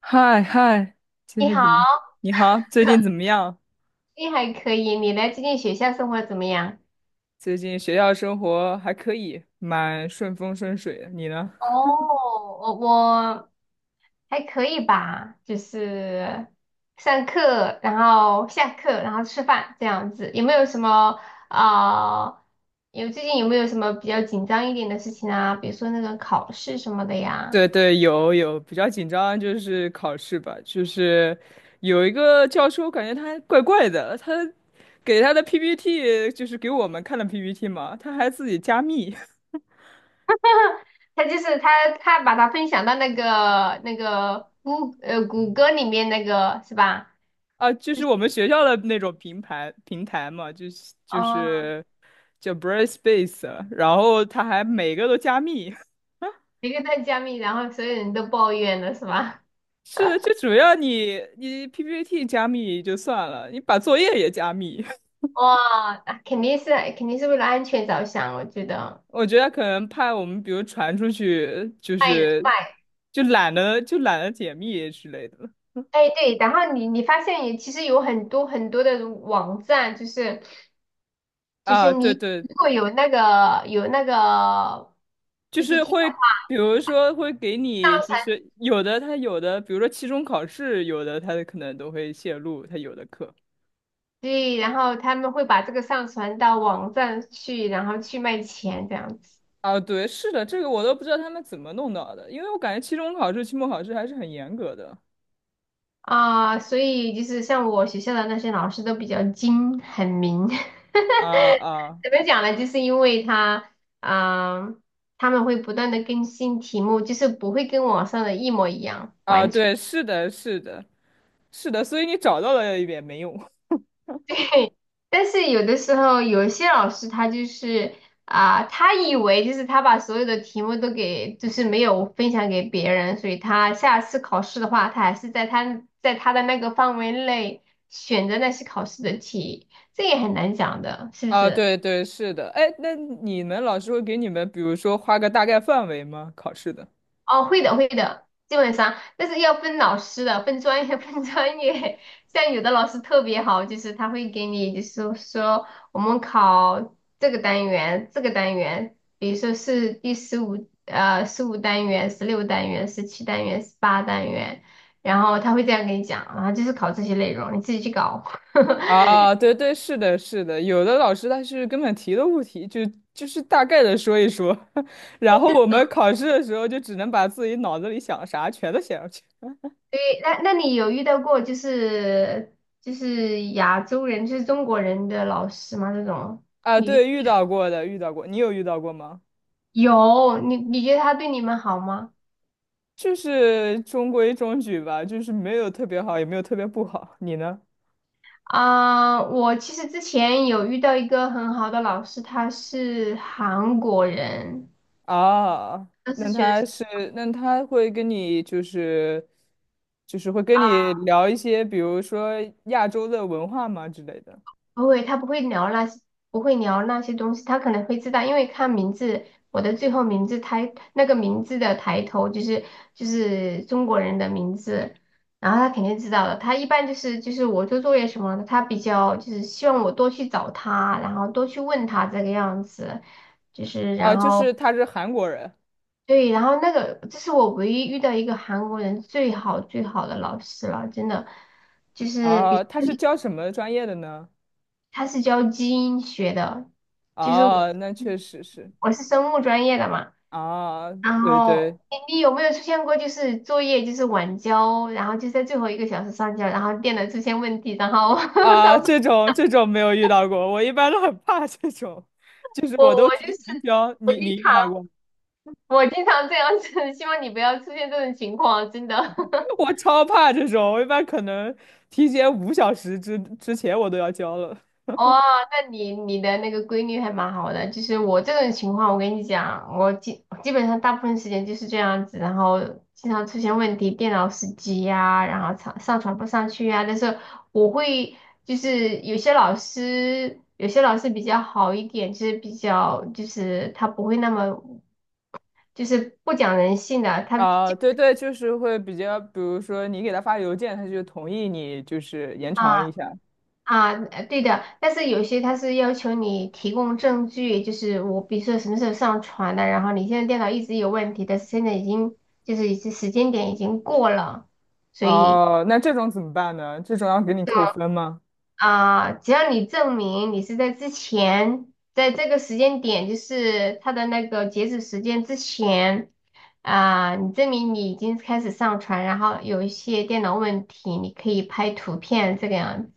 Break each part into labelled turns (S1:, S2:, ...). S1: 嗨嗨，最
S2: 你
S1: 近怎
S2: 好，
S1: 么？你好，最近怎么样？
S2: 你还可以。你的最近学校生活怎么样？
S1: 最近学校生活还可以，蛮顺风顺水的。你呢？
S2: 哦，我还可以吧，就是上课，然后下课，然后吃饭这样子。有没有什么啊、有最近有没有什么比较紧张一点的事情啊？比如说那个考试什么的呀？
S1: 对对，有，比较紧张就是考试吧，就是有一个教授，感觉他怪怪的，他给他的 PPT， 就是给我们看的 PPT 嘛，他还自己加密。
S2: 他就是他他把它分享到那个谷歌里面那个是吧？
S1: 啊，就是我们学校的那种平台嘛，就是就
S2: 哦，
S1: 是叫 Brightspace，然后他还每个都加密。
S2: 一个在加密，然后所有人都抱怨了是吧？
S1: 是的，就主要你 PPT 加密就算了，你把作业也加密。
S2: 哇，啊肯定是为了安全着想，我觉得。
S1: 我觉得可能怕我们，比如传出去，就
S2: 卖
S1: 是
S2: 卖，
S1: 就懒得解密之类的。
S2: 哎对，然后你发现也其实有很多很多的网站，就是
S1: 啊，对
S2: 你
S1: 对，
S2: 如果有那个
S1: 就是
S2: PPT 的
S1: 会，
S2: 话，
S1: 比如说会给
S2: 上
S1: 你，就
S2: 传
S1: 是有的，比如说期中考试，有的他可能都会泄露他有的课。
S2: 对，然后他们会把这个上传到网站去，然后去卖钱这样子。
S1: 啊，对，是的，这个我都不知道他们怎么弄到的，因为我感觉期中考试、期末考试还是很严格的。
S2: 啊，所以就是像我学校的那些老师都比较精很明。
S1: 啊啊。
S2: 怎么讲呢？就是因为他，嗯、他们会不断的更新题目，就是不会跟网上的一模一样。
S1: 啊！对，是的，是的。是的，所以你找到了也没用。
S2: 但是有的时候，有一些老师他以为就是他把所有的题目都给，就是没有分享给别人，所以他下次考试的话，他还是在他的那个范围内选择那些考试的题，这也很难讲的，是不
S1: 啊，
S2: 是？
S1: 对对，是的。哎，那你们老师会给你们，比如说画个大概范围吗？考试的。
S2: 哦，会的，会的，基本上，但是要分老师的，分专业，分专业。像有的老师特别好，就是他会给你，就是说我们考这个单元，这个单元，比如说是第十五单元、16单元、17单元、18单元，然后他会这样给你讲，然后就是考这些内容，你自己去搞。哎
S1: 啊，对对，是的，是的。有的老师他是根本提都不提，就就是大概的说一说。然后
S2: 这
S1: 我们考试的时候就只能把自己脑子里想啥全都写上去。
S2: 对，那你有遇到过就是亚洲人，就是中国人的老师吗？这种？
S1: 啊，
S2: 你？
S1: 对，遇到过的，遇到过。你有遇到过吗？
S2: 有，你觉得他对你们好吗？
S1: 就是中规中矩吧，就是没有特别好，也没有特别不好。你呢？
S2: 我其实之前有遇到一个很好的老师，他是韩国人，
S1: 啊，
S2: 他是
S1: 那
S2: 学
S1: 他是，那他会跟你就是，就是会跟你聊一些，比如说亚洲的文化嘛之类的。
S2: 不会，他不会聊那些，不会聊那些东西，他可能会知道，因为看名字，我的最后名字抬那个名字的抬头就是就是中国人的名字，然后他肯定知道的。他一般就是我做作业什么的，他比较就是希望我多去找他，然后多去问他这个样子。就是
S1: 啊，
S2: 然
S1: 就
S2: 后
S1: 是他是韩国人。
S2: 对，然后那个，这是我唯一遇到一个韩国人最好最好的老师了，真的，就是
S1: 啊，
S2: 比
S1: 他是教什么专业的呢？
S2: 他是教基因学的，就是我
S1: 啊，那确
S2: 嗯
S1: 实是。
S2: 我是生物专业的嘛，
S1: 啊，
S2: 然
S1: 对
S2: 后
S1: 对。
S2: 你有没有出现过就是作业就是晚交，然后就在最后一个小时上交，然后电脑出现问题，然后
S1: 啊，
S2: 上次
S1: 这种这种没有遇到过，我一般都很怕这种，就是我
S2: 我
S1: 都
S2: 我就
S1: 提
S2: 是
S1: 前交，
S2: 我
S1: 你
S2: 经
S1: 你遇
S2: 常
S1: 到过吗？
S2: 我经常这样子，希望你不要出现这种情况，真的。
S1: 我超怕这种，我一般可能提前5小时之前我都要交了。
S2: 哦，那你的那个规律还蛮好的。就是我这种情况，我跟你讲，我基本上大部分时间就是这样子，然后经常出现问题，电脑死机呀、然后上传不上去呀、但是我会就是有些老师，有些老师比较好一点，就是比较就是他不会那么就是不讲人性的，他。
S1: 啊，对对，就是会比较，比如说你给他发邮件，他就同意你，就是延长一
S2: 啊。
S1: 下。
S2: 对的，但是有些他是要求你提供证据，就是我比如说什么时候上传的，然后你现在电脑一直有问题，但是现在已经就是已经时间点已经过了，所以。
S1: 哦，那这种怎么办呢？这种要给你扣分吗？
S2: 啊，只要你证明你是在之前，在这个时间点，就是它的那个截止时间之前啊，你证明你已经开始上传，然后有一些电脑问题，你可以拍图片这个样子，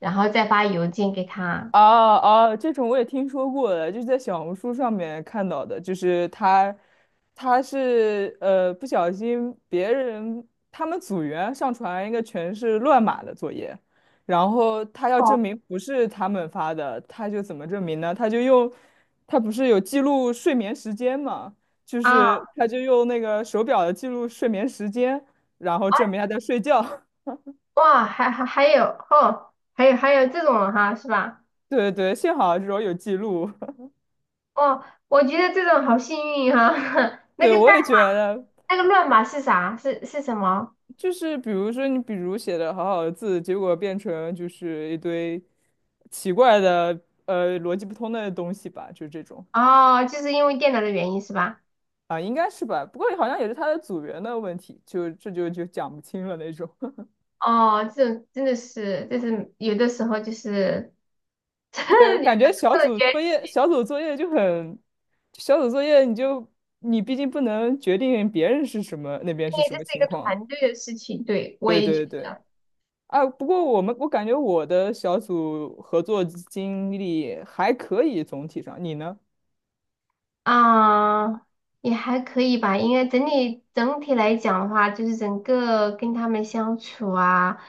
S2: 然后再发邮件给他。
S1: 啊啊，这种我也听说过的，就是在小红书上面看到的，就是他，他是不小心别人他们组员上传一个全是乱码的作业，然后他要证
S2: 哦
S1: 明不是他们发的，他就怎么证明呢？他就用，他不是有记录睡眠时间嘛，就是
S2: 啊。
S1: 他就用那个手表的记录睡眠时间，然后证明他在睡觉。
S2: 哇，还有哦，还有还有这种哈，是吧？
S1: 对对，幸好这种有记录。
S2: 哦，我觉得这种好幸运哈。那
S1: 对，
S2: 个
S1: 我
S2: 代
S1: 也觉
S2: 码，
S1: 得。
S2: 那个乱码是啥？是什么？
S1: 就是比如说你比如写的好好的字，结果变成就是一堆奇怪的逻辑不通的东西吧，就这种。
S2: 哦，就是因为电脑的原因是吧？
S1: 啊，应该是吧？不过好像也是他的组员的问题，就这就讲不清了那种。
S2: 哦，这种真的是，就是有的时候就是，
S1: 对，
S2: 有
S1: 感
S2: 的
S1: 觉
S2: 时
S1: 小
S2: 候
S1: 组
S2: 觉得
S1: 作业
S2: 因
S1: 小组作业就很小组作业，你就你毕竟不能决定别人是什么那边是
S2: 为
S1: 什
S2: 这
S1: 么
S2: 是一
S1: 情
S2: 个
S1: 况。
S2: 团队的事情，对，我
S1: 对
S2: 也
S1: 对
S2: 觉得。
S1: 对。啊，不过我感觉我的小组合作经历还可以，总体上，你呢？
S2: 啊，也还可以吧。应该整体来讲的话，就是整个跟他们相处啊，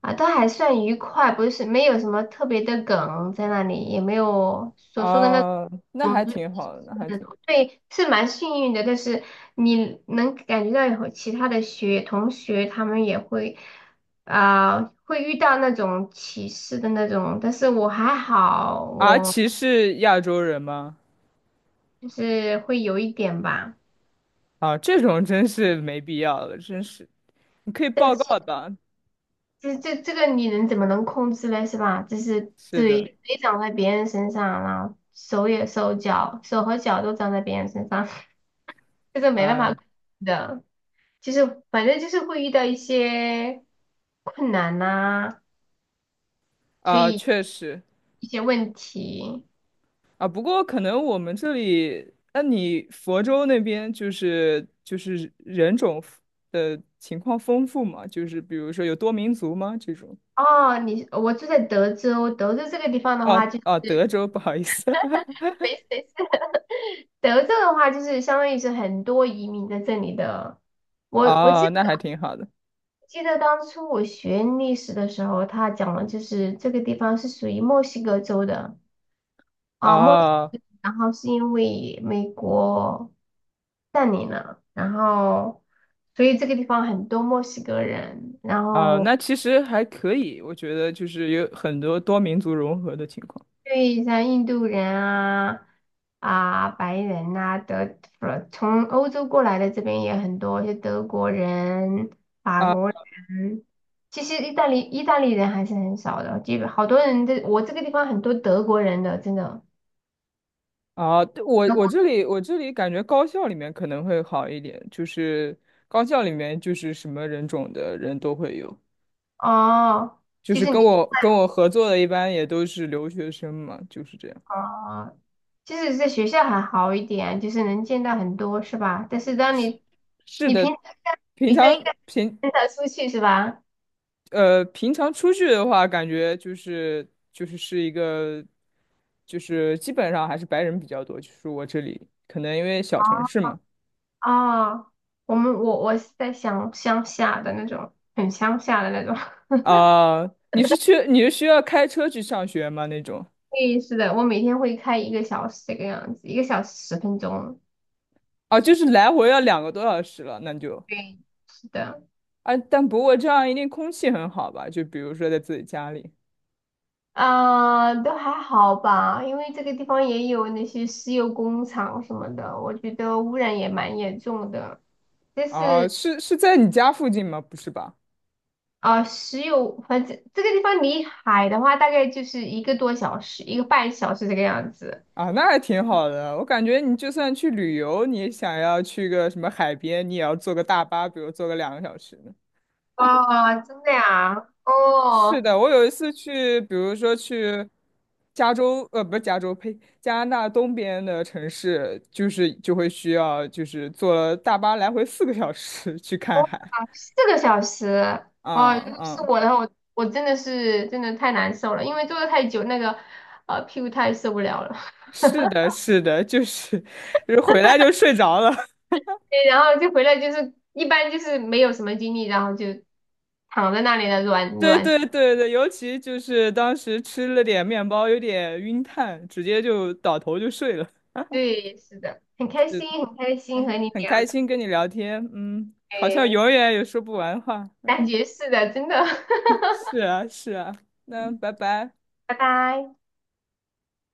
S2: 啊，都还算愉快，不是没有什么特别的梗在那里，也没有所说的那
S1: 啊，那还
S2: 种族歧
S1: 挺好的，那
S2: 视
S1: 还
S2: 的。
S1: 挺。
S2: 对，是蛮幸运的。但是你能感觉到有其他的同学，他们也会会遇到那种歧视的那种，但是我还好，
S1: 阿
S2: 我
S1: 奇是亚洲人吗？
S2: 就是会有一点吧。
S1: 啊，这种真是没必要了，真是。你可以
S2: 但
S1: 报
S2: 是。
S1: 告的。
S2: 这个你能怎么能控制呢？是吧？就是
S1: 是的，
S2: 嘴长在别人身上，然后手和脚都长在别人身上，这个没办法
S1: 啊
S2: 控制的。就是反正就是会遇到一些困难呐、所
S1: 啊，
S2: 以
S1: 确实
S2: 一些问题。
S1: 啊。不过可能我们这里，那你佛州那边就是人种的情况丰富吗？就是比如说有多民族吗？这种。
S2: 哦，我住在德州，德州这个地方的话
S1: 哦
S2: 就
S1: 哦，德州，不好意思。
S2: 没事没事。德州的话就是相当于是很多移民在这里的，我记
S1: 哦，
S2: 得。
S1: 那还挺好的。
S2: 记得当初我学历史的时候，他讲了，就是这个地方是属于墨西哥州的啊，墨西
S1: 哦。
S2: 哥然后是因为美国占领了，然后所以这个地方很多墨西哥人，然
S1: 啊，
S2: 后。
S1: 那其实还可以，我觉得就是有很多多民族融合的情况。
S2: 对，像印度人啊，白人呐、不是从欧洲过来的这边也很多，就德国人、法
S1: 啊
S2: 国人。其实意大利人还是很少的，基本好多人我这个地方很多德国人的，真的。
S1: 啊，对我
S2: 德国
S1: 我这里我这里感觉高校里面可能会好一点，就是高校里面就是什么人种的人都会有，
S2: 哦，
S1: 就
S2: 就
S1: 是
S2: 是你
S1: 跟我合作的一般也都是留学生嘛，就是这样。
S2: 哦，即使在学校还好一点，就是能见到很多是吧？但是当你
S1: 是
S2: 你平
S1: 的，
S2: 常
S1: 平
S2: 女生应
S1: 常
S2: 该
S1: 平
S2: 很少出去是吧？
S1: 平常出去的话，感觉就是就是是一个基本上还是白人比较多，就是我这里可能因为小城市嘛。
S2: 哦，我们我我是在乡下的那种，很乡下的那种。
S1: 啊、你是需要开车去上学吗？那种。
S2: 对，是的，我每天会开一个小时这个样子，1个小时10分钟。
S1: 啊，就是来回要2个多小时了，那就。
S2: 对，是的，
S1: 啊，但不过这样一定空气很好吧？就比如说在自己家里。
S2: 都还好吧，因为这个地方也有那些石油工厂什么的，我觉得污染也蛮严重的。但
S1: 啊，
S2: 是。
S1: 是是在你家附近吗？不是吧？
S2: 石油，反正这个地方离海的话，大概就是1个多小时，1个半小时这个样子。
S1: 啊，那还挺好的。我感觉你就算去旅游，你想要去个什么海边，你也要坐个大巴，比如坐个2个小时。
S2: 啊，真的呀？
S1: 是
S2: 哦，
S1: 的，我有一次去，比如说去加州，不是加州，呸，加拿大东边的城市，就是就会需要，就是坐大巴来回4个小时去看海。
S2: 4个小时哦，如
S1: 嗯
S2: 果是
S1: 嗯，
S2: 我的话，我真的是真的太难受了，因为坐的太久，那个屁股太受不了了。
S1: 是的，是的，就是。 就是回来就睡着了。
S2: 对，然后就回来就是一般就是没有什么精力，然后就躺在那里的软
S1: 对
S2: 软。
S1: 对对对，尤其就是当时吃了点面包，有点晕碳，直接就倒头就睡了。
S2: 对，是的，很开心，很开心
S1: 哎，
S2: 和你
S1: 很开
S2: 聊
S1: 心跟你聊天，嗯，好像
S2: 天，
S1: 永远也说不完话。
S2: 感觉是的，真的。
S1: 是啊，是啊，那拜拜。
S2: 拜拜。